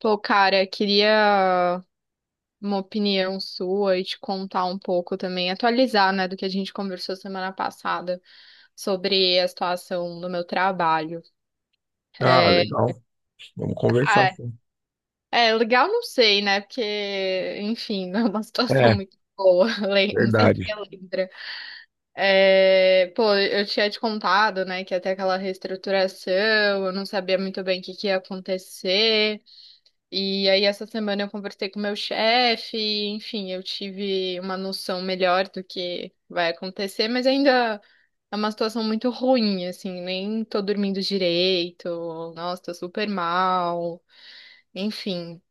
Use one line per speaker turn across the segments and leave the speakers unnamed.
Pô, cara, queria uma opinião sua e te contar um pouco também, atualizar, né, do que a gente conversou semana passada sobre a situação do meu trabalho.
Ah,
É,
legal. Vamos
ah,
conversar.
é
Sim.
é legal, não sei, né, porque, enfim, não é uma situação
É,
muito boa, não sei se você
verdade.
lembra. É, pô, eu tinha te contado, né, que até aquela reestruturação, eu não sabia muito bem o que que ia acontecer. E aí, essa semana eu conversei com meu chefe, enfim, eu tive uma noção melhor do que vai acontecer, mas ainda é uma situação muito ruim, assim, nem tô dormindo direito, nossa, tô super mal, enfim.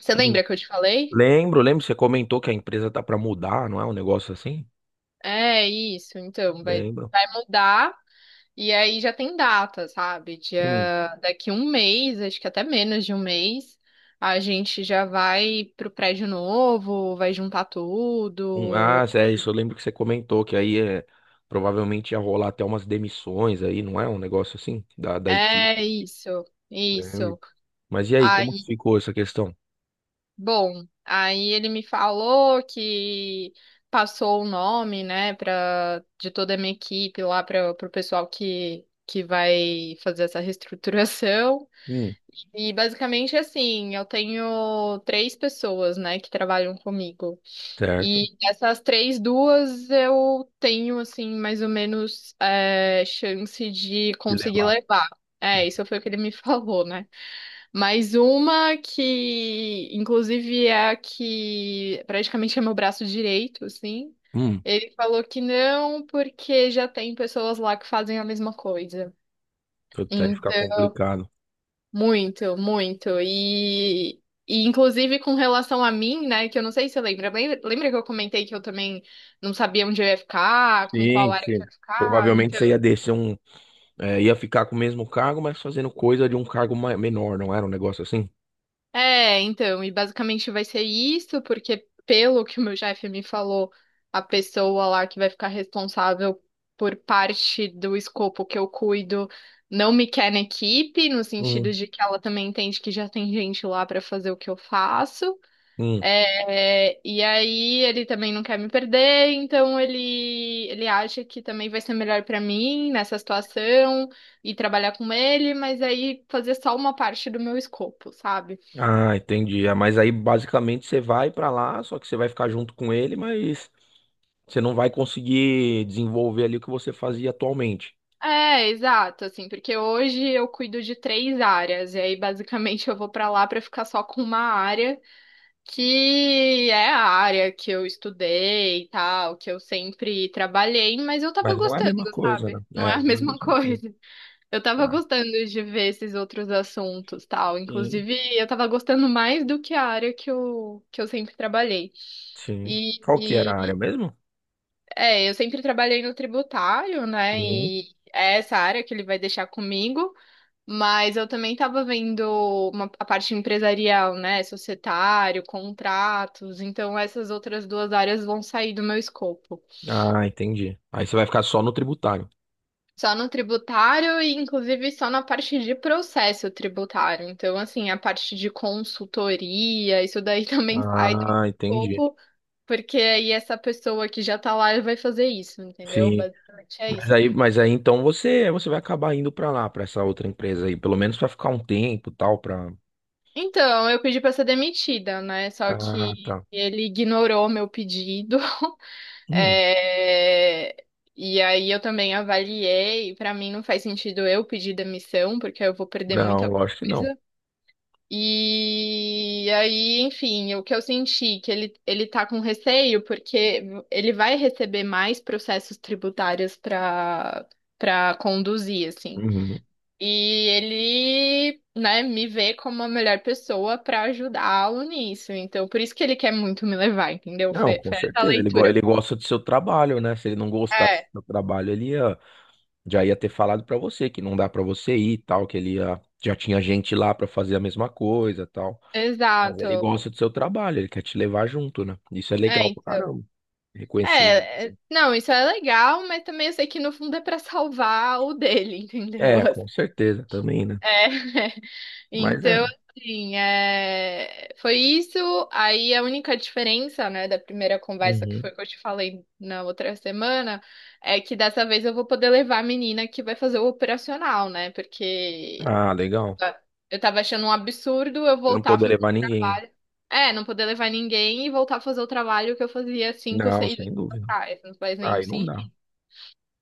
Você
Hum.
lembra que eu te falei?
Lembro, lembro, você comentou que a empresa tá para mudar, não é um negócio assim?
É isso, então, vai,
Lembro.
vai mudar. E aí já tem data, sabe?
Hum,
Dia, daqui um mês, acho que até menos de um mês, a gente já vai pro prédio novo, vai juntar tudo.
Ah, é isso, eu lembro que você comentou que aí é, provavelmente ia rolar até umas demissões aí, não é um negócio assim? Da
É
equipe.
isso,
Lembro.
isso.
Mas e aí, como que
Aí,
ficou essa questão?
bom, aí ele me falou que passou o nome, né, pra, de toda a minha equipe lá para o pessoal que vai fazer essa reestruturação.
Hum,
E basicamente assim, eu tenho três pessoas, né, que trabalham comigo.
certo.
E dessas três, duas eu tenho, assim, mais ou menos é, chance de
De
conseguir
levar.
levar. É, isso foi o que ele me falou, né? Mas uma que, inclusive, é a que praticamente é meu braço direito, assim.
Hum,
Ele falou que não, porque já tem pessoas lá que fazem a mesma coisa.
até ficar
Então
complicado.
muito, muito. E, inclusive com relação a mim, né, que eu não sei se você lembra, lembra que eu comentei que eu também não sabia onde eu ia ficar, com qual
Sim,
área que eu
sim.
ia ficar?
Provavelmente
Então,
você ia descer um. É, ia ficar com o mesmo cargo, mas fazendo coisa de um cargo menor, não era um negócio assim?
é, então, e basicamente vai ser isso, porque pelo que o meu chefe me falou, a pessoa lá que vai ficar responsável por parte do escopo que eu cuido não me quer na equipe, no sentido
Hum.
de que ela também entende que já tem gente lá para fazer o que eu faço.
Hum.
É, e aí ele também não quer me perder, então ele acha que também vai ser melhor pra mim nessa situação e trabalhar com ele, mas aí fazer só uma parte do meu escopo, sabe?
Ah, entendi. Ah, mas aí basicamente você vai pra lá, só que você vai ficar junto com ele, mas você não vai conseguir desenvolver ali o que você fazia atualmente.
É, exato, assim, porque hoje eu cuido de três áreas, e aí basicamente eu vou pra lá pra ficar só com uma área, que é a área que eu estudei e tal, que eu sempre trabalhei, mas eu tava
Mas não é a
gostando,
mesma coisa, né?
sabe? Não é
É,
a
não é a
mesma
mesma coisa.
coisa. Eu tava
Tá.
gostando de ver esses outros assuntos, tal.
Sim,
Inclusive, eu tava gostando mais do que a área que eu sempre trabalhei.
sim. Qual que era a área
E,
mesmo?
é, eu sempre trabalhei no tributário, né?
Sim.
E é essa área que ele vai deixar comigo. Mas eu também tava vendo a parte empresarial, né? Societário, contratos. Então, essas outras duas áreas vão sair do meu escopo.
Ah, entendi. Aí você vai ficar só no tributário.
Só no tributário e, inclusive, só na parte de processo tributário. Então, assim, a parte de consultoria, isso daí também sai do meu
Ah, entendi.
escopo, porque aí essa pessoa que já tá lá vai fazer isso, entendeu?
Sim.
Basicamente é
Mas
isso.
aí, mas aí então você vai acabar indo pra lá, pra essa outra empresa aí, pelo menos vai ficar um tempo, e tal, pra.
Então, eu pedi pra ser demitida, né? Só
Ah,
que
tá.
ele ignorou meu pedido.
Hum,
É, e aí eu também avaliei, pra mim não faz sentido eu pedir demissão, porque eu vou perder
não,
muita
lógico que não.
coisa. E aí, enfim, o que eu senti, que ele, tá com receio, porque ele vai receber mais processos tributários para conduzir, assim.
Uhum.
E ele, né, me vê como a melhor pessoa para ajudá-lo nisso. Então, por isso que ele quer muito me levar, entendeu?
Não,
Foi,
com
foi essa a
certeza. Ele, go-
leitura.
ele gosta do seu trabalho, né? Se ele não gostasse
É,
do seu trabalho, já ia ter falado pra você que não dá pra você ir, e tal, já tinha gente lá pra fazer a mesma coisa, e tal. Mas ele
exato.
gosta do seu trabalho, ele quer te levar junto, né? Isso é
É,
legal pra
então.
caramba. Reconhecimento.
É, é, não, isso é legal, mas também eu sei que no fundo é para salvar o dele, entendeu?
É, com certeza também, né?
É.
Mas é,
Então,
né?
assim, é... foi isso. Aí a única diferença, né, da primeira conversa que
Uhum.
foi que eu te falei na outra semana, é que dessa vez eu vou poder levar a menina que vai fazer o operacional, né? Porque
Ah, legal.
eu tava achando um absurdo eu
Você não
voltar a
poder
fazer o
levar ninguém.
trabalho. É, não poder levar ninguém e voltar a fazer o trabalho que eu fazia cinco,
Não,
seis anos
sem dúvida.
atrás. Não faz nenhum
Aí não dá.
sentido.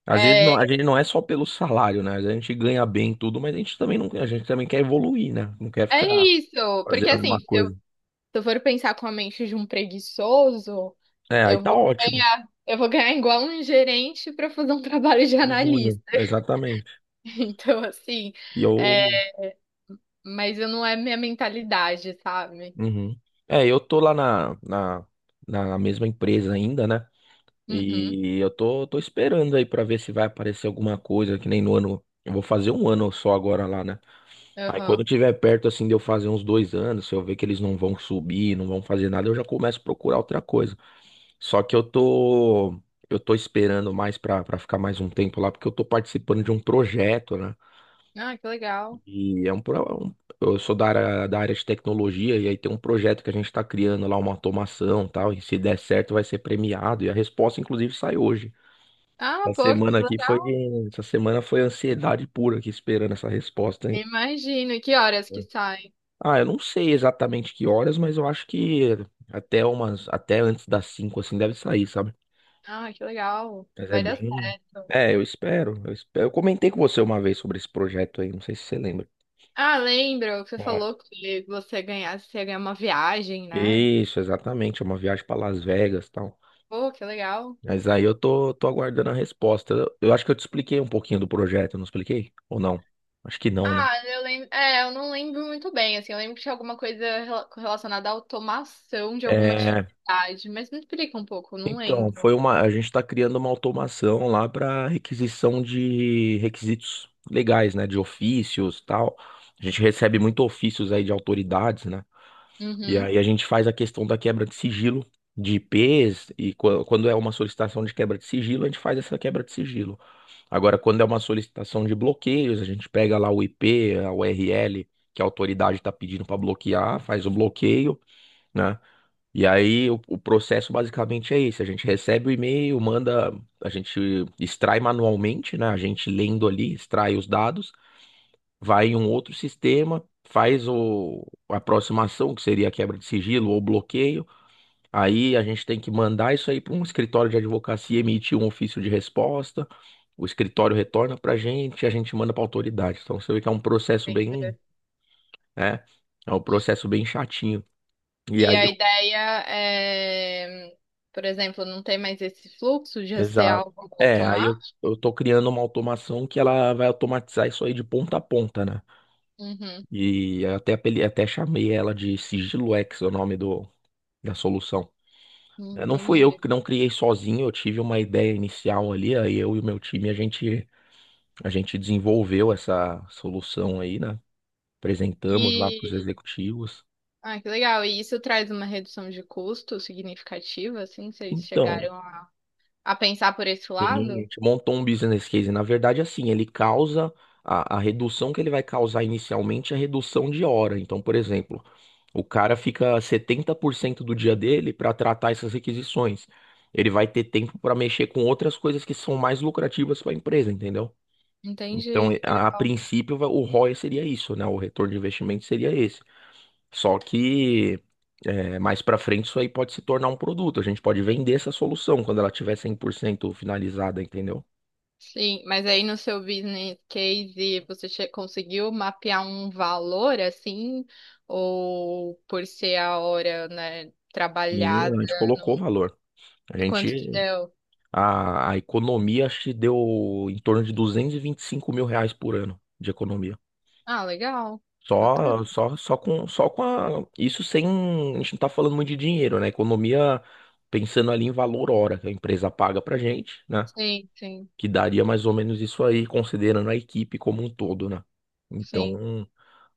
Às vezes
É,
a gente não é só pelo salário, né? Às vezes a gente ganha bem e tudo, mas a gente também não, a gente também quer evoluir, né? Não quer
é
ficar
isso, porque
fazendo a
assim,
mesma coisa.
se eu for pensar com a mente de um preguiçoso.
É, aí tá ótimo.
Eu vou ganhar igual um gerente para fazer um trabalho de
De júnior,
analista.
exatamente.
Então, assim,
E
é,
eu.
mas eu não é minha mentalidade, sabe?
Uhum. É, eu tô lá na, na mesma empresa ainda, né?
Uhum,
E eu tô esperando aí pra ver se vai aparecer alguma coisa, que nem no ano. Eu vou fazer um ano só agora lá, né? Aí
aham.
quando tiver perto assim de eu fazer uns 2 anos, se eu ver que eles não vão subir, não vão fazer nada, eu já começo a procurar outra coisa. Só que eu tô esperando mais pra para ficar mais um tempo lá, porque eu tô participando de um projeto, né?
Ah, que legal.
E é um, pro- é um- eu sou da área de tecnologia e aí tem um projeto que a gente tá criando lá uma automação, e tal, e se der certo vai ser premiado e a resposta inclusive sai hoje.
Ah,
Essa
pô,
semana
que
aqui foi
legal.
Essa semana foi ansiedade pura aqui esperando essa resposta, hein?
Imagino. E que horas que sai?
Ah, eu não sei exatamente que horas, mas eu acho que até antes das 5 assim deve sair, sabe?
Ah, que legal.
Mas é
Vai dar
bem.
certo.
É, eu espero, eu espero. Eu comentei com você uma vez sobre esse projeto aí, não sei se você lembra.
Ah, lembro que você
É.
falou que você ganhasse, você ia ganhar uma viagem, né?
Isso, exatamente, é uma viagem para Las Vegas, e tal.
Pô, que legal.
Mas aí eu tô aguardando a resposta. Eu acho que eu te expliquei um pouquinho do projeto, eu não expliquei? Ou não? Acho que não, né?
Ah, eu lembro. É, eu não lembro muito bem, assim. Eu lembro que tinha alguma coisa relacionada à automação de alguma
É,
atividade, mas me explica um pouco, eu não
então,
lembro.
a gente está criando uma automação lá para requisição de requisitos legais, né, de ofícios, tal. A gente recebe muito ofícios aí de autoridades, né? E
Uhum.
aí a gente faz a questão da quebra de sigilo de IPs e quando é uma solicitação de quebra de sigilo, a gente faz essa quebra de sigilo. Agora, quando é uma solicitação de bloqueios, a gente pega lá o IP, a URL que a autoridade está pedindo para bloquear, faz o bloqueio, né? E aí o processo basicamente é esse, a gente recebe o e-mail, manda, a gente extrai manualmente, né? A gente lendo ali, extrai os dados, vai em um outro sistema, faz a aproximação, que seria a quebra de sigilo ou bloqueio. Aí a gente tem que mandar isso aí para um escritório de advocacia emitir um ofício de resposta. O escritório retorna para a gente, e a gente manda para a autoridade. Então você vê que é um processo bem,
Entendi.
né? É um processo bem chatinho. E
E
aí.
a ideia é, por exemplo, não ter mais esse fluxo de ser
Exato.
algo
É, aí eu,
automático.
eu tô criando uma automação que ela vai automatizar isso aí de ponta a ponta, né?
Uhum.
E até chamei ela de Sigilo X, é o nome da solução. Não fui eu
Entendi.
que não criei sozinho, eu tive uma ideia inicial ali, aí eu e o meu time, a gente desenvolveu essa solução aí, né? Apresentamos lá para os
E.
executivos.
Ah, que legal. E isso traz uma redução de custo significativa, assim? Vocês
Então.
chegaram a pensar por esse
Sim, a
lado?
gente montou um business case. Na verdade, assim, a redução que ele vai causar inicialmente é a redução de hora. Então, por exemplo, o cara fica 70% do dia dele para tratar essas requisições. Ele vai ter tempo para mexer com outras coisas que são mais lucrativas para a empresa, entendeu? Então,
Entendi, que
a
legal.
princípio, o ROI seria isso, né? O retorno de investimento seria esse. Só que mais para frente isso aí pode se tornar um produto. A gente pode vender essa solução quando ela tiver 100% finalizada, entendeu?
Sim, mas aí no seu business case você conseguiu mapear um valor assim, ou por ser a hora, né,
Sim,
trabalhada
a gente colocou
no...
valor. A
e
gente,
quanto que deu?
a economia acho que deu em torno de duzentos e vinte e cinco mil reais por ano de economia.
Ah, legal, bacana.
Só com a, isso sem, a gente não tá falando muito de dinheiro, né? Economia pensando ali em valor hora que a empresa paga pra gente, né?
Sim, sim,
Que daria mais ou menos isso aí, considerando a equipe como um todo, né?
sim.
Então.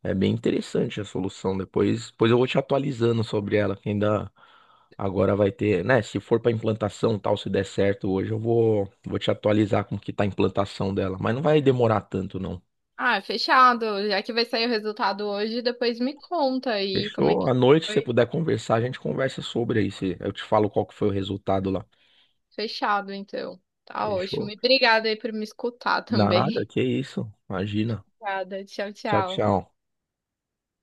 É bem interessante a solução. Depois eu vou te atualizando sobre ela, que ainda agora vai ter, né? Se for para implantação, tal, se der certo hoje, eu vou, te atualizar como que tá a implantação dela. Mas não vai demorar tanto, não.
Ah, fechado. Já que vai sair o resultado hoje, depois me conta aí como é
Fechou?
que
À noite, se você
foi.
puder conversar, a gente conversa sobre aí. Eu te falo qual que foi o resultado lá.
Fechado, então. Tá ótimo.
Fechou?
E obrigada aí por me escutar
Nada,
também.
que isso. Imagina.
Obrigada. Tchau,
Tchau,
tchau.
tchau.